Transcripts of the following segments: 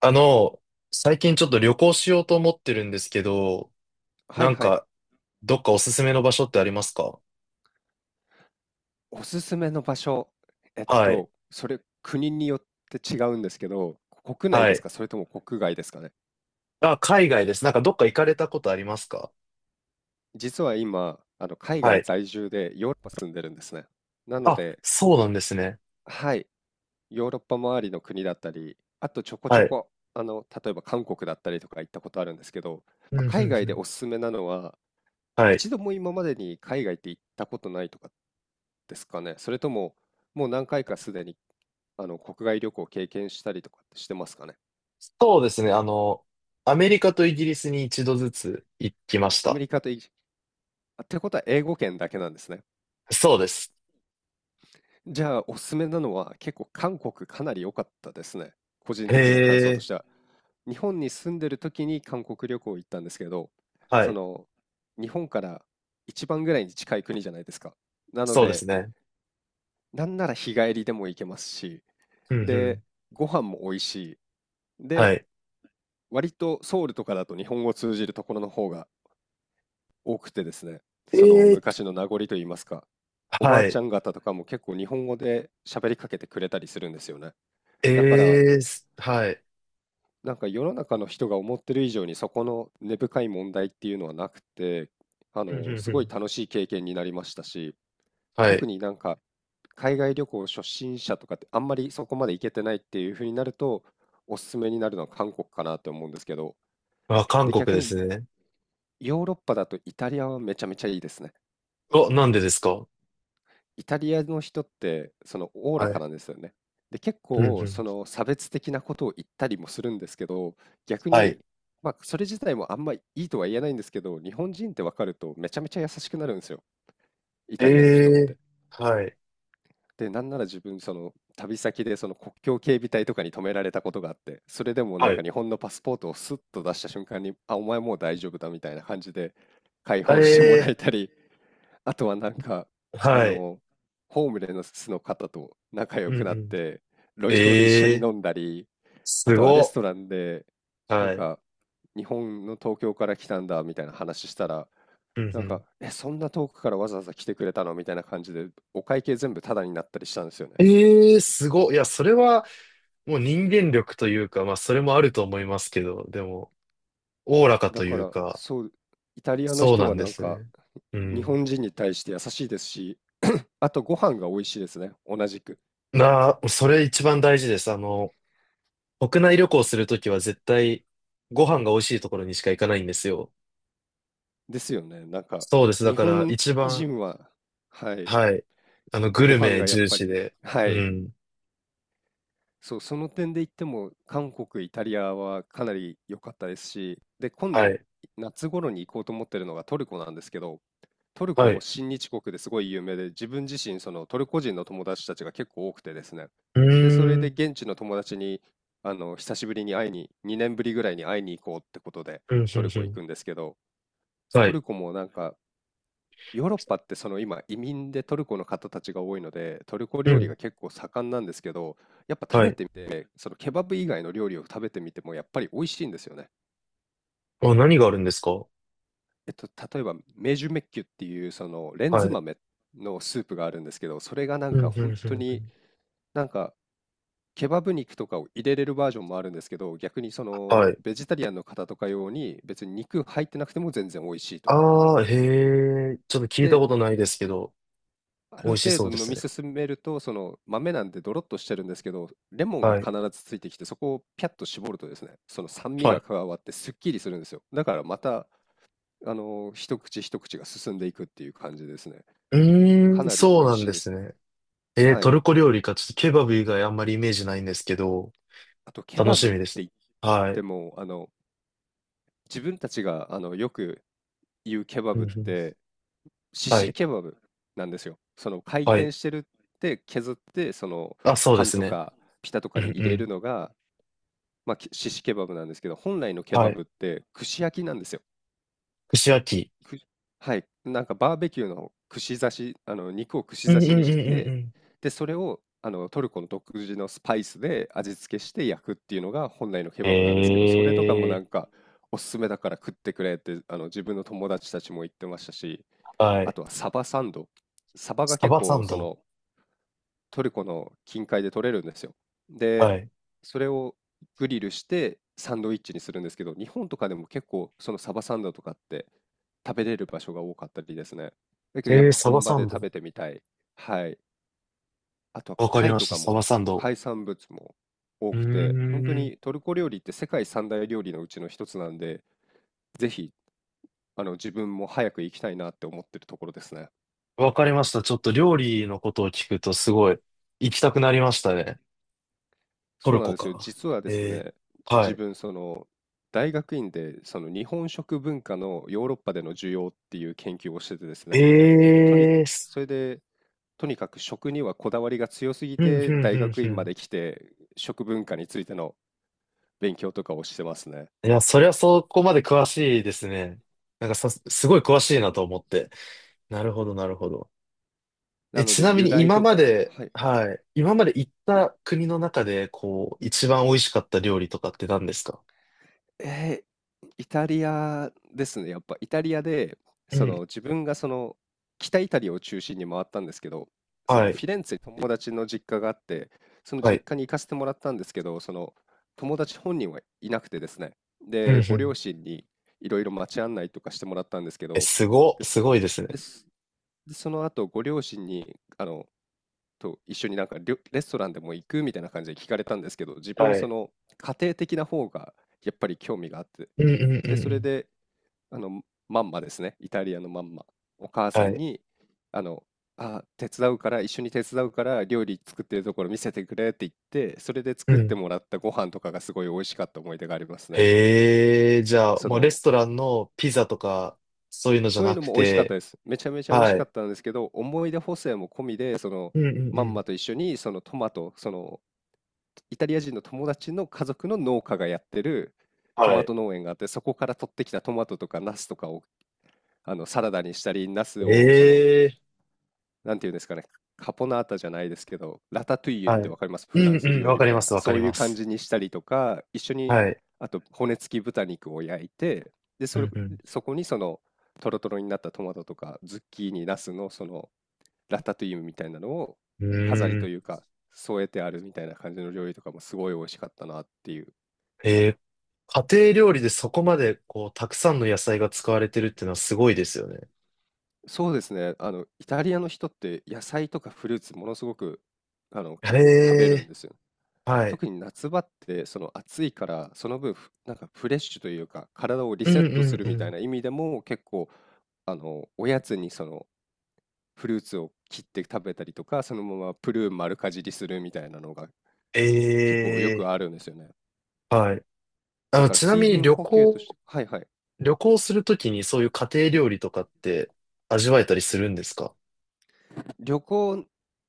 あの、最近ちょっと旅行しようと思ってるんですけど、はないんはい。か、どっかおすすめの場所ってありますか？おすすめの場所、はい。それ国によって違うんですけど、国内はですい。か、それとも国外ですかね。あ、海外です。なんかどっか行かれたことありますか？実は今、海は外い。在住でヨーロッパ住んでるんですね。なのあ、で、そうなんですね。はい、ヨーロッパ周りの国だったり、あとちょこちはょい。こ、例えば韓国だったりとか行ったことあるんですけど、うん、まあ、うん、海外うでん。おすすめなのは、はい。一度も今までに海外って行ったことないとかですかね。それとも、もう何回かすでに、国外旅行を経験したりとかってしてますかね。そうですね。アメリカとイギリスに一度ずつ行きましアメた。リカとイギ、あってことは英語圏だけなんですね。そうです。じゃあ、おすすめなのは結構韓国かなり良かったですね。個人へ的な感想とえ。しては。日本に住んでる時に韓国旅行行ったんですけど、はそい。の、日本から一番ぐらいに近い国じゃないですか。なのそうですで、ね。なんなら日帰りでも行けますし、うん、うで、ん。ご飯も美味しい。はで、い。割とソウルとかだと日本語を通じるところの方が多くてですね、えそのえ。昔の名残といいますか、おばはあちい。ゃん方とかも結構日本語で喋りかけてくれたりするんですよね。だから、ええ。はい。なんか世の中の人が思ってる以上にそこの根深い問題っていうのはなくて、うん、うん、すうごいん。楽しい経験になりましたし、は特い。になんか海外旅行初心者とかってあんまりそこまで行けてないっていう風になると、おすすめになるのは韓国かなって思うんですけど、あ、韓で、国逆ですにね。ヨーロッパだとイタリアはめちゃめちゃいいですね。お、なんでですか？イタリアの人ってそのおおらはかい。なんですよね。で、結うんう構そん。の差別的なことを言ったりもするんですけど、逆はい。に、まあそれ自体もあんまいいとは言えないんですけど、日本人って分かるとめちゃめちゃ優しくなるんですよ。イえタリアの人って。えーはい。で、なんなら自分その旅先でその国境警備隊とかに止められたことがあって、それでもなはんかい。日本のパスポートをスッと出した瞬間に、あ、お前もう大丈夫だみたいな感じで解放してもらえええたり、あとはなんか、ーあはい。の、ホームレスの方と仲良うくんなうっん。て、路上で一緒えにえ飲ーんだり、あすとはレごスっ。トランで、なんはい。か、日本の東京から来たんだみたいな話したら、うんなうんか、ん。え、そんな遠くからわざわざ来てくれたのみたいな感じで、お会計全部タダになったりしたんですよね。ええーすごっ。いや、それはもう人間力というか、まあ、それもあると思いますけど、でも、おおらかだといかうら、か、そう、イタリアのそう人なはんでなんすか、ね。う日ん。本人に対して優しいですし、あとご飯が美味しいですね、同じく。なあ、それ一番大事です。国内旅行するときは絶対、ご飯が美味しいところにしか行かないんですよ。ですよね。なんか、そうです。だ日から、本一番、人は、はい、はい。グごル飯メがやっ重ぱ視り、で。はうい、ん。そう、その点で言っても、韓国、イタリアはかなり良かったですし、で、今度、はい。夏頃に行こうと思ってるのがトルコなんですけど、トルコはもい。親日国ですごい有名で、自分自身、そのトルコ人の友達たちが結構多くてですね。うで、それーでん。現地の友達に、久しぶりに会いに、2年ぶりぐらいに会いに行こうってことで、うん、うトん、ルうコ行ん。くんですけど、はトい。ルコもなんか、ヨーロッパってその今移民でトルコの方たちが多いので、トルコう料理ん。が結構盛んなんですけど、やっぱ食はべい。てみて、そのケバブ以外の料理を食べてみてもやっぱり美味しいんですよね。あ、何があるんですか？例えばメジュメッキュっていうそのレンズはい。豆のスープがあるんですけど、それがなうんん、うかん、うん、本当うにん。なんかケバブ肉とかを入れれるバージョンもあるんですけど、逆にそはのい。ベジタリアンの方とか用に別に肉入ってなくても全然美味しいと。ああ、へえ。ちょっと聞いたで、ことないですけど、あ美る味し程そ度うで飲みすね。進めると、その豆なんでドロッとしてるんですけど、レモンがはい。必ずついてきて、そこをピャッと絞るとですね、その酸味はがい。加わってすっきりするんですよ。だからまた、一口一口が進んでいくっていう感じですね。うかーん、なり美そう味なんしいでんですすよ。ね。えー、はトい。ルコ料理か。ちょっとケバブ以外あんまりイメージないんですけど、あと、ケ楽バしブっみてです。言っはてい。も、自分たちが、よく言うケバうん、うブっん。て、シはシい。ケバブなんですよ。その回はい。転してるって削って、そのあ、そうパでンすとね。かピタとうかにん、入うれるん。のが、まあ、シシケバブなんですけど、本来のケはバい。ブって串焼きなんですよ。串焼き。くはい、なんかバーベキューの串刺し、あの肉を串う刺んうしんにうんうしんて、うん。で、それをあのトルコの独自のスパイスで味付けして焼くっていうのが本来のケバブなんですけど、それとかもなええんかおすすめだから食ってくれってあの自分の友達たちも言ってましたし、ーはあい。とはサバサンド。サバがサ結バサ構ンそド。のトルコの近海で取れるんですよ。で、はい。それをグリルしてサンドイッチにするんですけど、日本とかでも結構そのサバサンドとかって食べれる場所が多かったりですね。だけどやっええぱサバ本場サでン食ド。べてみたい。はい。あとはわかり貝まとした、かサもバサンド。海産物も多うーくて、本当ん。にトルコ料理って世界三大料理のうちの一つなんで、ぜひあの自分も早く行きたいなって思ってるところですね。わかりました。ちょっと料理のことを聞くとすごい行きたくなりましたね。トそうルなんコですよ。か。実はですええね、は自い。分、その、大学院で、その日本食文化のヨーロッパでの需要っていう研究をしててですね。で、ええーすそれで、とにかく食にはこだわりが強すぎうん、うて、ん、う大ん、学う院まん。で来て、食文化についての勉強とかをしてますね。いや、そりゃそこまで詳しいですね。なんかさ、すごい詳しいなと思って。なるほど、なるほど。なえ、のちで、なみ由に来今とまか、で、はい。はい、今まで行った国の中で、こう、一番美味しかった料理とかって何ですか？えー、イタリアですね。やっぱイタリアで、うそん。の自分がその北イタリアを中心に回ったんですけど、そはのフい、ィレンツェに友達の実家があって、そのは実い。家に行かせてもらったんですけど、その友達本人はいなくてですね。うんうで、ごん。両親にいろいろ街案内とかしてもらったんですけえ、ど、すご、ですす、ごいですね。です、でその後ご両親にあのと一緒になんかレストランでも行くみたいな感じで聞かれたんですけど、自分はそい。の家庭的な方がやっぱり興味があって、うんうんうで、そんうれん。であのマンマですね、イタリアのマンマ、お母さはんい。に、あの、あ、手伝うから、一緒に手伝うから料理作ってるところ見せてくれって言って、それでう作ってん。もらったご飯とかがすごい美味しかった思い出がありますね。ええじゃあ、そもうレスの、トランのピザとか、そういうのじゃそういうなのくも美味しかったて、です。めちゃめちゃ美味しはかい。ったんですけど、思い出補正も込みで、うんうんうまんん。まと一緒にそのトマト、そのイタリア人の友達の家族の農家がやってるトはマい。ト農園があって、そこから取ってきたトマトとかナスとかをサラダにしたり、ナスをええなんていうんですかね、カポナータじゃないですけど、ラタトゥイユっはてい。わかりますフランうんスうん、料わ理かみりたいまな、す、わかそりういうま感す。じにしたりとか、一緒に、はい。あと骨付き豚肉を焼いて、で、うそれ、んうそこにトロトロになったトマトとか、ズッキーニ、ナスのラタトゥイユみたいなのん。をう飾りーとん。いうか添えてあるみたいな感じの料理とかもすごい美味しかったなっていう。えー家庭料理でそこまで、こう、たくさんの野菜が使われてるっていうのはすごいですよね。そうですね。あの、イタリアの人って野菜とかフルーツものすごく、あの、へ結構食べるんえ、ですよ。はい。特に夏場ってその暑いからその分なんかフレッシュというか体をリうセッんうトすんるうみたいん。な意味でも結構あのおやつにフルーツを切って食べたりとかそのままプルーン丸かじりするみたいなのがえ結構よくえ、あるんですよね。はい。だからちな水みに分旅補給として、行、はいはい。旅行するときにそういう家庭料理とかって味わえたりするんですか？旅行、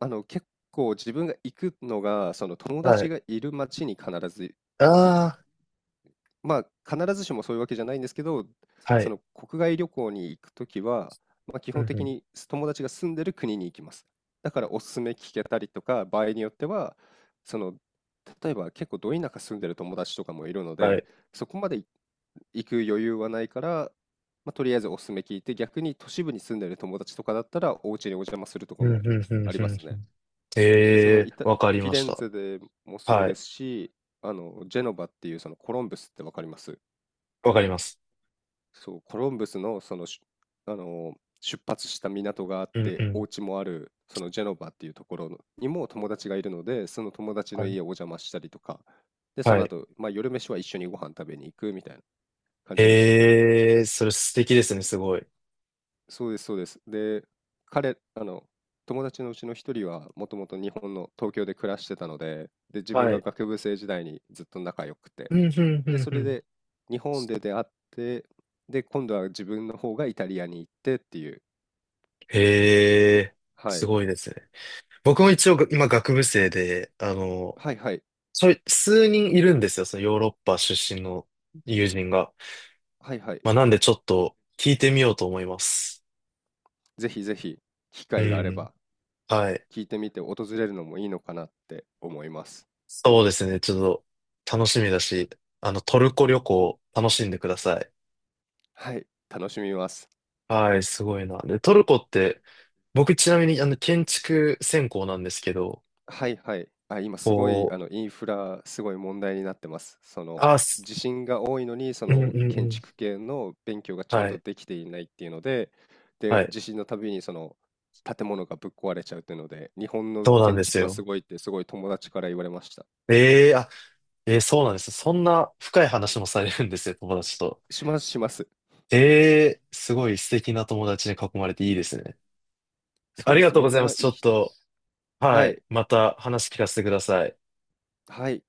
あの、結構自分が行くのが、その友は達い。がいる町に必ず行あまあ、必ずしもそういうわけじゃないんですけど、あ、はそい。の国外旅行に行くときは、まあ、基う本んう的ん。に友達が住んでる国に行きます。だからおすすめ聞けたりとか、場合によっては、その、例えば結構ど田舎住んでる友達とかもいるのはで、い。そこまで行く余裕はないから、まあ、とりあえずおすすめ聞いて、逆に都市部に住んでる友達とかだったら、お家にお邪魔するとかうんうもんうんありうまんすうね。ん。えそのえ、イタ、フわかりィまレしンた。ツェでもそうはでい。すし、あの、ジェノバっていうそのコロンブスってわかります。わかります。そう、コロンブスのあの、出発した港があっうんうて、おん。家もある、そのジェノバっていうところにも友達がいるので、その友達はのい。家をお邪魔したりとか、で、そはのい。後、まあ夜飯は一緒にご飯食べに行くみたいな感じでしたけど、ええ、それ素敵ですね、すごい。そうですそうです。で、彼、あの、友達のうちの一人はもともと日本の東京で暮らしてたので、で、自分はがい。学部生時代にずっと仲良くて、うんうんうで、んそうれん。で日本で出会って、で、今度は自分の方がイタリアに行ってっていう、へえ、はすい、ごいですね。僕も一応が今学部生で、はいはい、ちょい、数人いるんですよ、そのヨーロッパ出身の友人が。はいはい、まあ、なんでちょっと聞いてみようと思います。ぜひぜひ機う会があれん。ばはい。聞いてみて訪れるのもいいのかなって思います。そうですね、ちょっと楽しみだし、トルコ旅行楽しんでください。はい、楽しみます。はい、すごいな。で、トルコって、僕ちなみに建築専攻なんですけど、はいはい。あ、今すごい、こあう、の、インフラ、すごい問題になってます。その、あ、す地震が多いのに、そうんうの、んう建ん。築系の勉強がちゃんはとい、できていないっていうので、はで、い。地震のたびに、その、建物がぶっ壊れちゃうっていうので、日本のそうなん建です築はよ。すごいって、すごい友達から言われました。えええーそうなんです。そんな深い話もされるんですよ、友達と。します、します。えー、すごい素敵な友達に囲まれていいですね。そあうりでがす。とうみござんいまなす。ちいょいっ人でと、す。ははい、い。また話聞かせてください。はい。